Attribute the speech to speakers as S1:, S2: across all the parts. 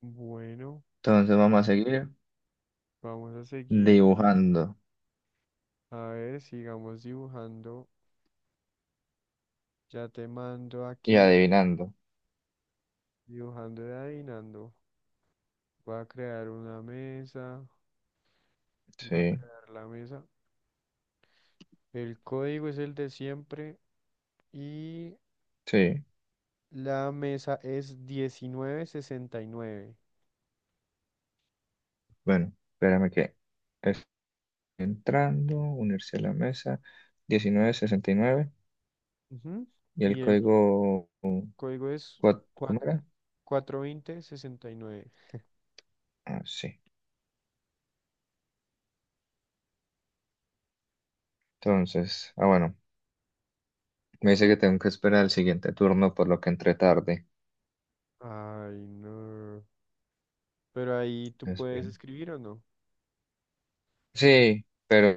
S1: Bueno,
S2: Entonces vamos a seguir
S1: vamos a seguir.
S2: dibujando
S1: A ver, sigamos dibujando. Ya te mando
S2: y
S1: aquí,
S2: adivinando.
S1: dibujando y adivinando. Voy a crear una mesa. Voy a
S2: Sí,
S1: crear la mesa. El código es el de siempre y
S2: sí.
S1: la mesa es 1969.
S2: Bueno, espérame que estoy entrando, unirse a la mesa, 1969 y nueve
S1: Ujú.
S2: y el
S1: Y el
S2: código,
S1: código es cua-
S2: ¿cómo era?
S1: 420 69.
S2: Ah, sí. Entonces, bueno, me dice que tengo que esperar el siguiente turno, por lo que entré tarde.
S1: Ay, no. Pero ahí tú puedes
S2: Espera.
S1: escribir o no.
S2: Sí,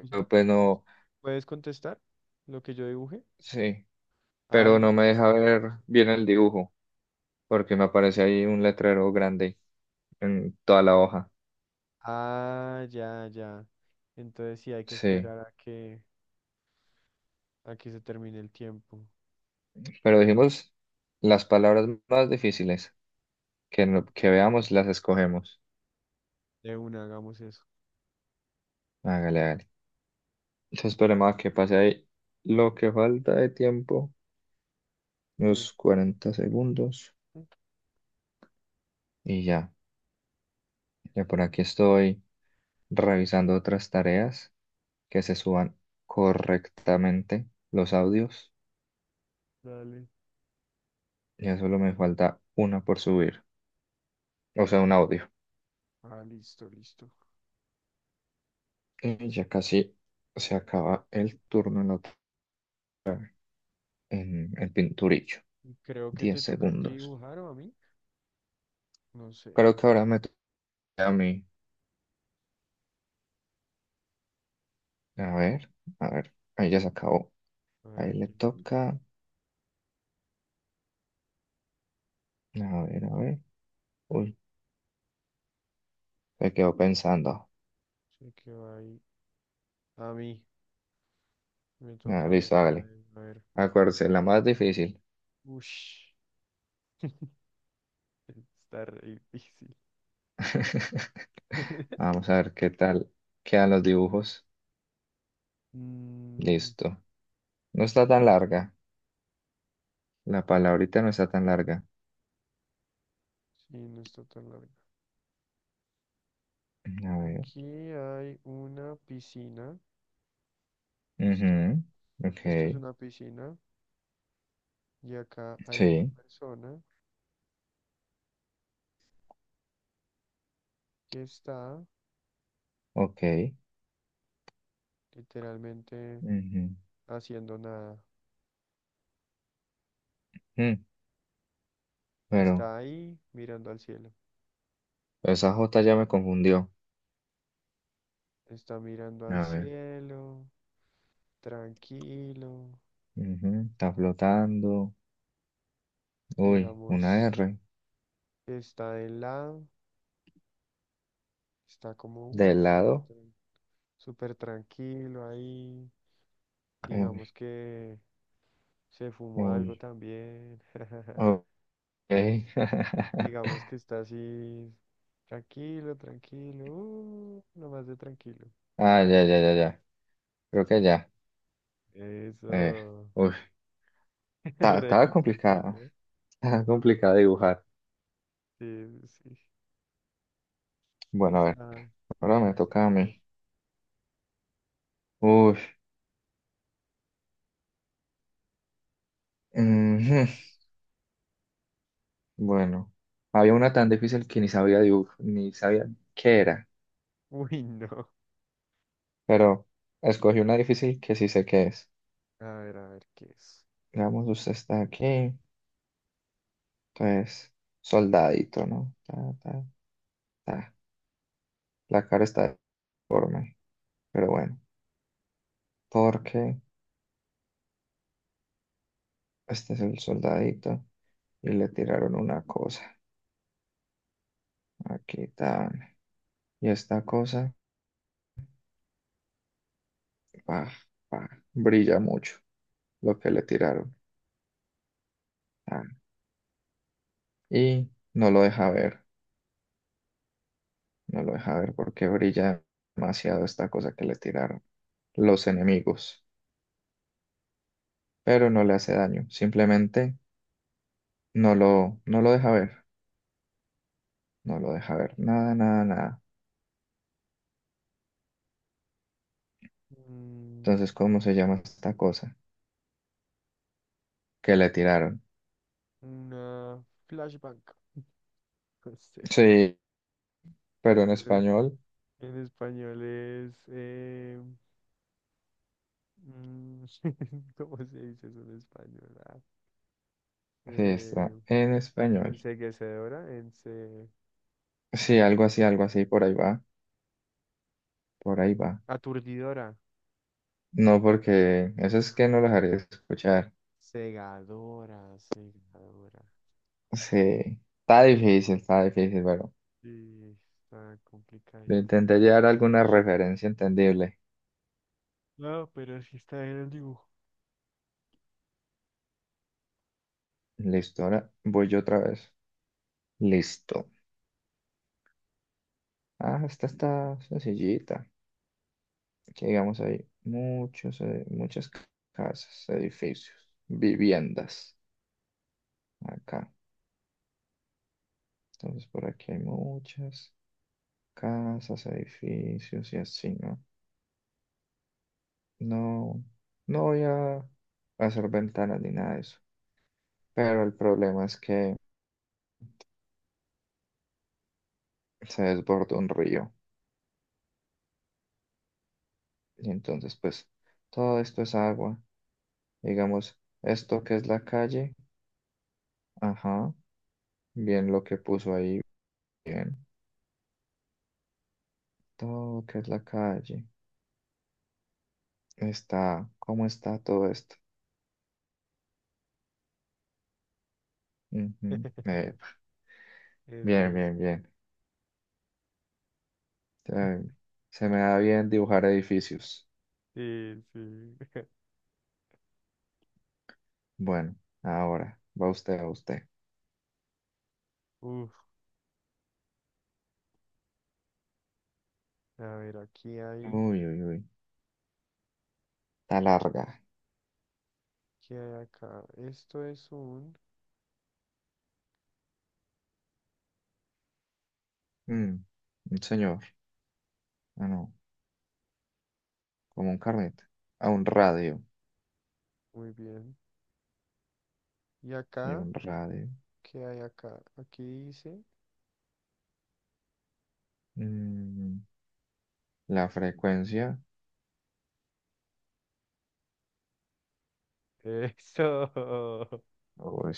S1: O sea,
S2: pues
S1: ¿puedes,
S2: no,
S1: puedes contestar lo que yo dibuje?
S2: sí,
S1: Ah,
S2: pero no me
S1: listo.
S2: deja ver bien el dibujo, porque me aparece ahí un letrero grande en toda la hoja.
S1: Ah, ya, ya. Entonces sí hay que
S2: Sí.
S1: esperar a que se termine el tiempo.
S2: Pero dijimos las palabras más difíciles que, que veamos, las escogemos.
S1: De una, hagamos eso.
S2: Hágale, hágale. Entonces esperemos a que pase ahí lo que falta de tiempo,
S1: Sí.
S2: unos 40 segundos. Y ya, ya por aquí estoy revisando otras tareas que se suban correctamente los audios.
S1: Dale.
S2: Ya solo me falta una por subir, o sea, un audio.
S1: Ah, listo, listo.
S2: Y ya casi se acaba el turno en, la en el pinturillo.
S1: Creo que
S2: diez
S1: te toca a ti
S2: segundos.
S1: dibujar o a mí. No sé.
S2: Creo que ahora me... A mí. A ver, a ver. Ahí ya se acabó.
S1: A ver,
S2: Ahí le
S1: aquí quién toca.
S2: toca. A ver, a ver. Uy, se quedó pensando.
S1: Sé que va ahí. A mí. Me
S2: Ah,
S1: toca a mí
S2: listo,
S1: otra
S2: hágale.
S1: vez. A ver.
S2: Acuérdese, la más difícil.
S1: Ush. Está re difícil.
S2: Vamos a ver qué tal quedan los dibujos.
S1: Mm,
S2: Listo. No está tan larga. La palabrita no está tan larga.
S1: sí, no está tan largo.
S2: A ver.
S1: Aquí hay una piscina, ¿listo?
S2: Ujú. Ok.
S1: Esto es una piscina y acá hay una
S2: Sí.
S1: persona que está
S2: Ok.
S1: literalmente
S2: Ujú.
S1: haciendo nada.
S2: Mm. Pero
S1: Está ahí mirando al cielo.
S2: esa J ya me confundió.
S1: Está mirando al
S2: A ver.
S1: cielo, tranquilo,
S2: Ujú. Está flotando. Uy, una
S1: digamos,
S2: R.
S1: está de lado, está como,
S2: De
S1: uff,
S2: lado.
S1: súper tranquilo ahí. Digamos
S2: Uy,
S1: que se fumó algo
S2: uy.
S1: también.
S2: Ok.
S1: Digamos que está así, tranquilo, tranquilo, nomás de tranquilo.
S2: Ah, ya, ya, ya, ya. Creo que ya. Eh,
S1: Eso,
S2: uy.
S1: re
S2: Estaba
S1: difícil,
S2: complicada.
S1: ¿no?
S2: Estaba complicada dibujar.
S1: Sí, sí,
S2: Bueno, a ver.
S1: está
S2: Ahora me toca a
S1: difícil.
S2: mí. Uy,
S1: A ver cómo
S2: ujú.
S1: es.
S2: Bueno. Había una tan difícil que ni sabía dibujar, ni sabía qué era.
S1: Uy, no.
S2: Pero escogí una difícil que sí sé qué es.
S1: A ver qué es.
S2: Digamos, usted está aquí. Entonces, soldadito, ¿no? Ta, ta, ta. La cara está deforme. Pero bueno, porque este es el soldadito y le tiraron una cosa. Aquí está. Y esta cosa, pa, pa, brilla mucho lo que le tiraron. Tan. Y no lo deja ver, no lo deja ver porque brilla demasiado esta cosa que le tiraron los enemigos. Pero no le hace daño, simplemente no lo deja ver, no lo deja ver, nada, nada, nada.
S1: Mm,
S2: Entonces, ¿cómo se llama esta cosa que le tiraron?
S1: una flashbank, no sé.
S2: Sí, pero en
S1: Pero
S2: español.
S1: en español es. Mm, ¿cómo se dice eso en español?
S2: Sí, está
S1: Eh,
S2: en español.
S1: enceguecedora, ence.
S2: Sí, algo así, por ahí va, por ahí va.
S1: Aturdidora.
S2: No, porque eso es que no los haré escuchar.
S1: Cegadora, cegadora.
S2: Sí, está difícil, pero
S1: Sí, está
S2: le
S1: complicadito.
S2: intenté llevar alguna referencia entendible.
S1: No, pero sí está en el dibujo.
S2: Listo, ahora voy yo otra vez. Listo. Ah, esta está sencillita. Que digamos ahí, muchos, muchas casas, edificios, viviendas. Acá. Entonces por aquí hay muchas casas, edificios y así, ¿no? No, no voy a hacer ventanas ni nada de eso. Pero el problema es que se desborda un río. Y entonces, pues, todo esto es agua. Digamos, esto que es la calle, ajá, bien lo que puso ahí, bien. Todo que es la calle, está, ¿cómo está todo esto? Ujú, eh,
S1: Eso
S2: bien,
S1: es.
S2: bien, bien. Eh, Se me da bien dibujar edificios.
S1: Sí, sí.
S2: Bueno, ahora, va usted, a usted.
S1: Uf, a ver, aquí hay,
S2: Uy, uy, uy, está larga.
S1: ¿qué hay acá? Esto es un,
S2: Mm, un señor, ah, no, como un carnet, a un radio,
S1: muy bien. ¿Y
S2: sí,
S1: acá?
S2: un radio.
S1: ¿Qué hay acá? Aquí dice.
S2: Mm, la frecuencia,
S1: Eso.
S2: uy,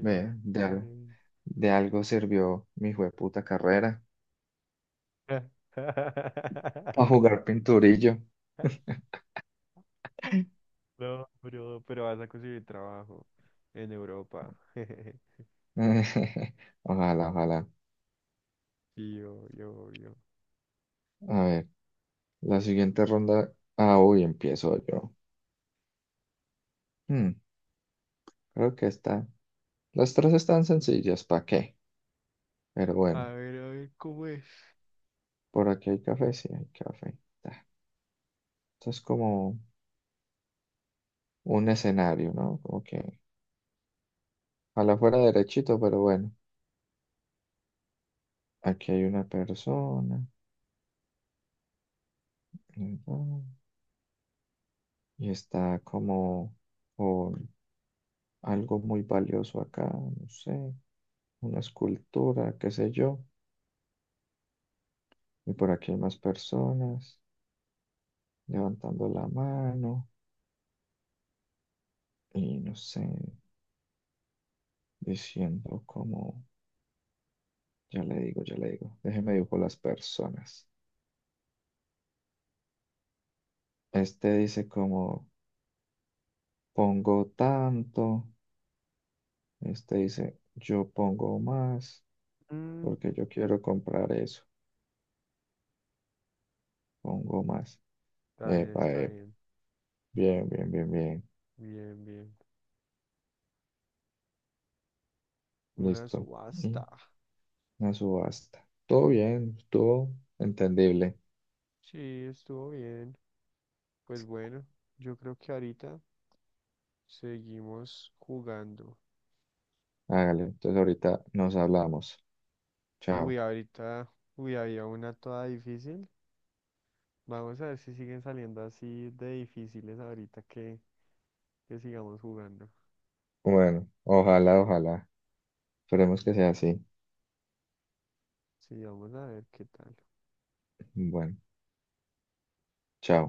S2: ve,
S1: bien.
S2: de algo sirvió mi jueputa carrera, para jugar pinturillo.
S1: No, bro, pero vas a conseguir trabajo en Europa.
S2: Ojalá, ojalá.
S1: Sí, yo, yo, yo.
S2: A ver, la siguiente ronda, ah, uy, empiezo yo. Mm, creo que está, las tres están sencillas, ¿para qué? Pero bueno,
S1: A ver, ¿cómo es?
S2: por aquí hay café, sí, hay café. Ta. Esto es como... un escenario, ¿no? Como que ojalá fuera derechito, pero bueno, aquí hay una persona, ¿verdad? Y está como con algo muy valioso acá, no sé, una escultura, qué sé yo, y por aquí hay más personas levantando la mano y no sé, diciendo como, ya le digo, déjeme dibujo las personas. Este dice como, pongo tanto, este dice, yo pongo más.
S1: Mm,
S2: Porque yo quiero comprar eso. Pongo más.
S1: está bien,
S2: Epa,
S1: está
S2: epa.
S1: bien.
S2: Bien, bien, bien, bien.
S1: Bien, bien. Una
S2: Listo. Y
S1: subasta.
S2: una subasta. Todo bien, todo entendible.
S1: Sí, estuvo bien. Pues bueno, yo creo que ahorita seguimos jugando.
S2: Hágale. Entonces ahorita nos hablamos. Chao.
S1: Uy, ahorita, uy, había una toda difícil. Vamos a ver si siguen saliendo así de difíciles ahorita que sigamos jugando.
S2: Bueno, ojalá, ojalá. Esperemos que sea así.
S1: Sí, vamos a ver qué tal.
S2: Bueno, chao.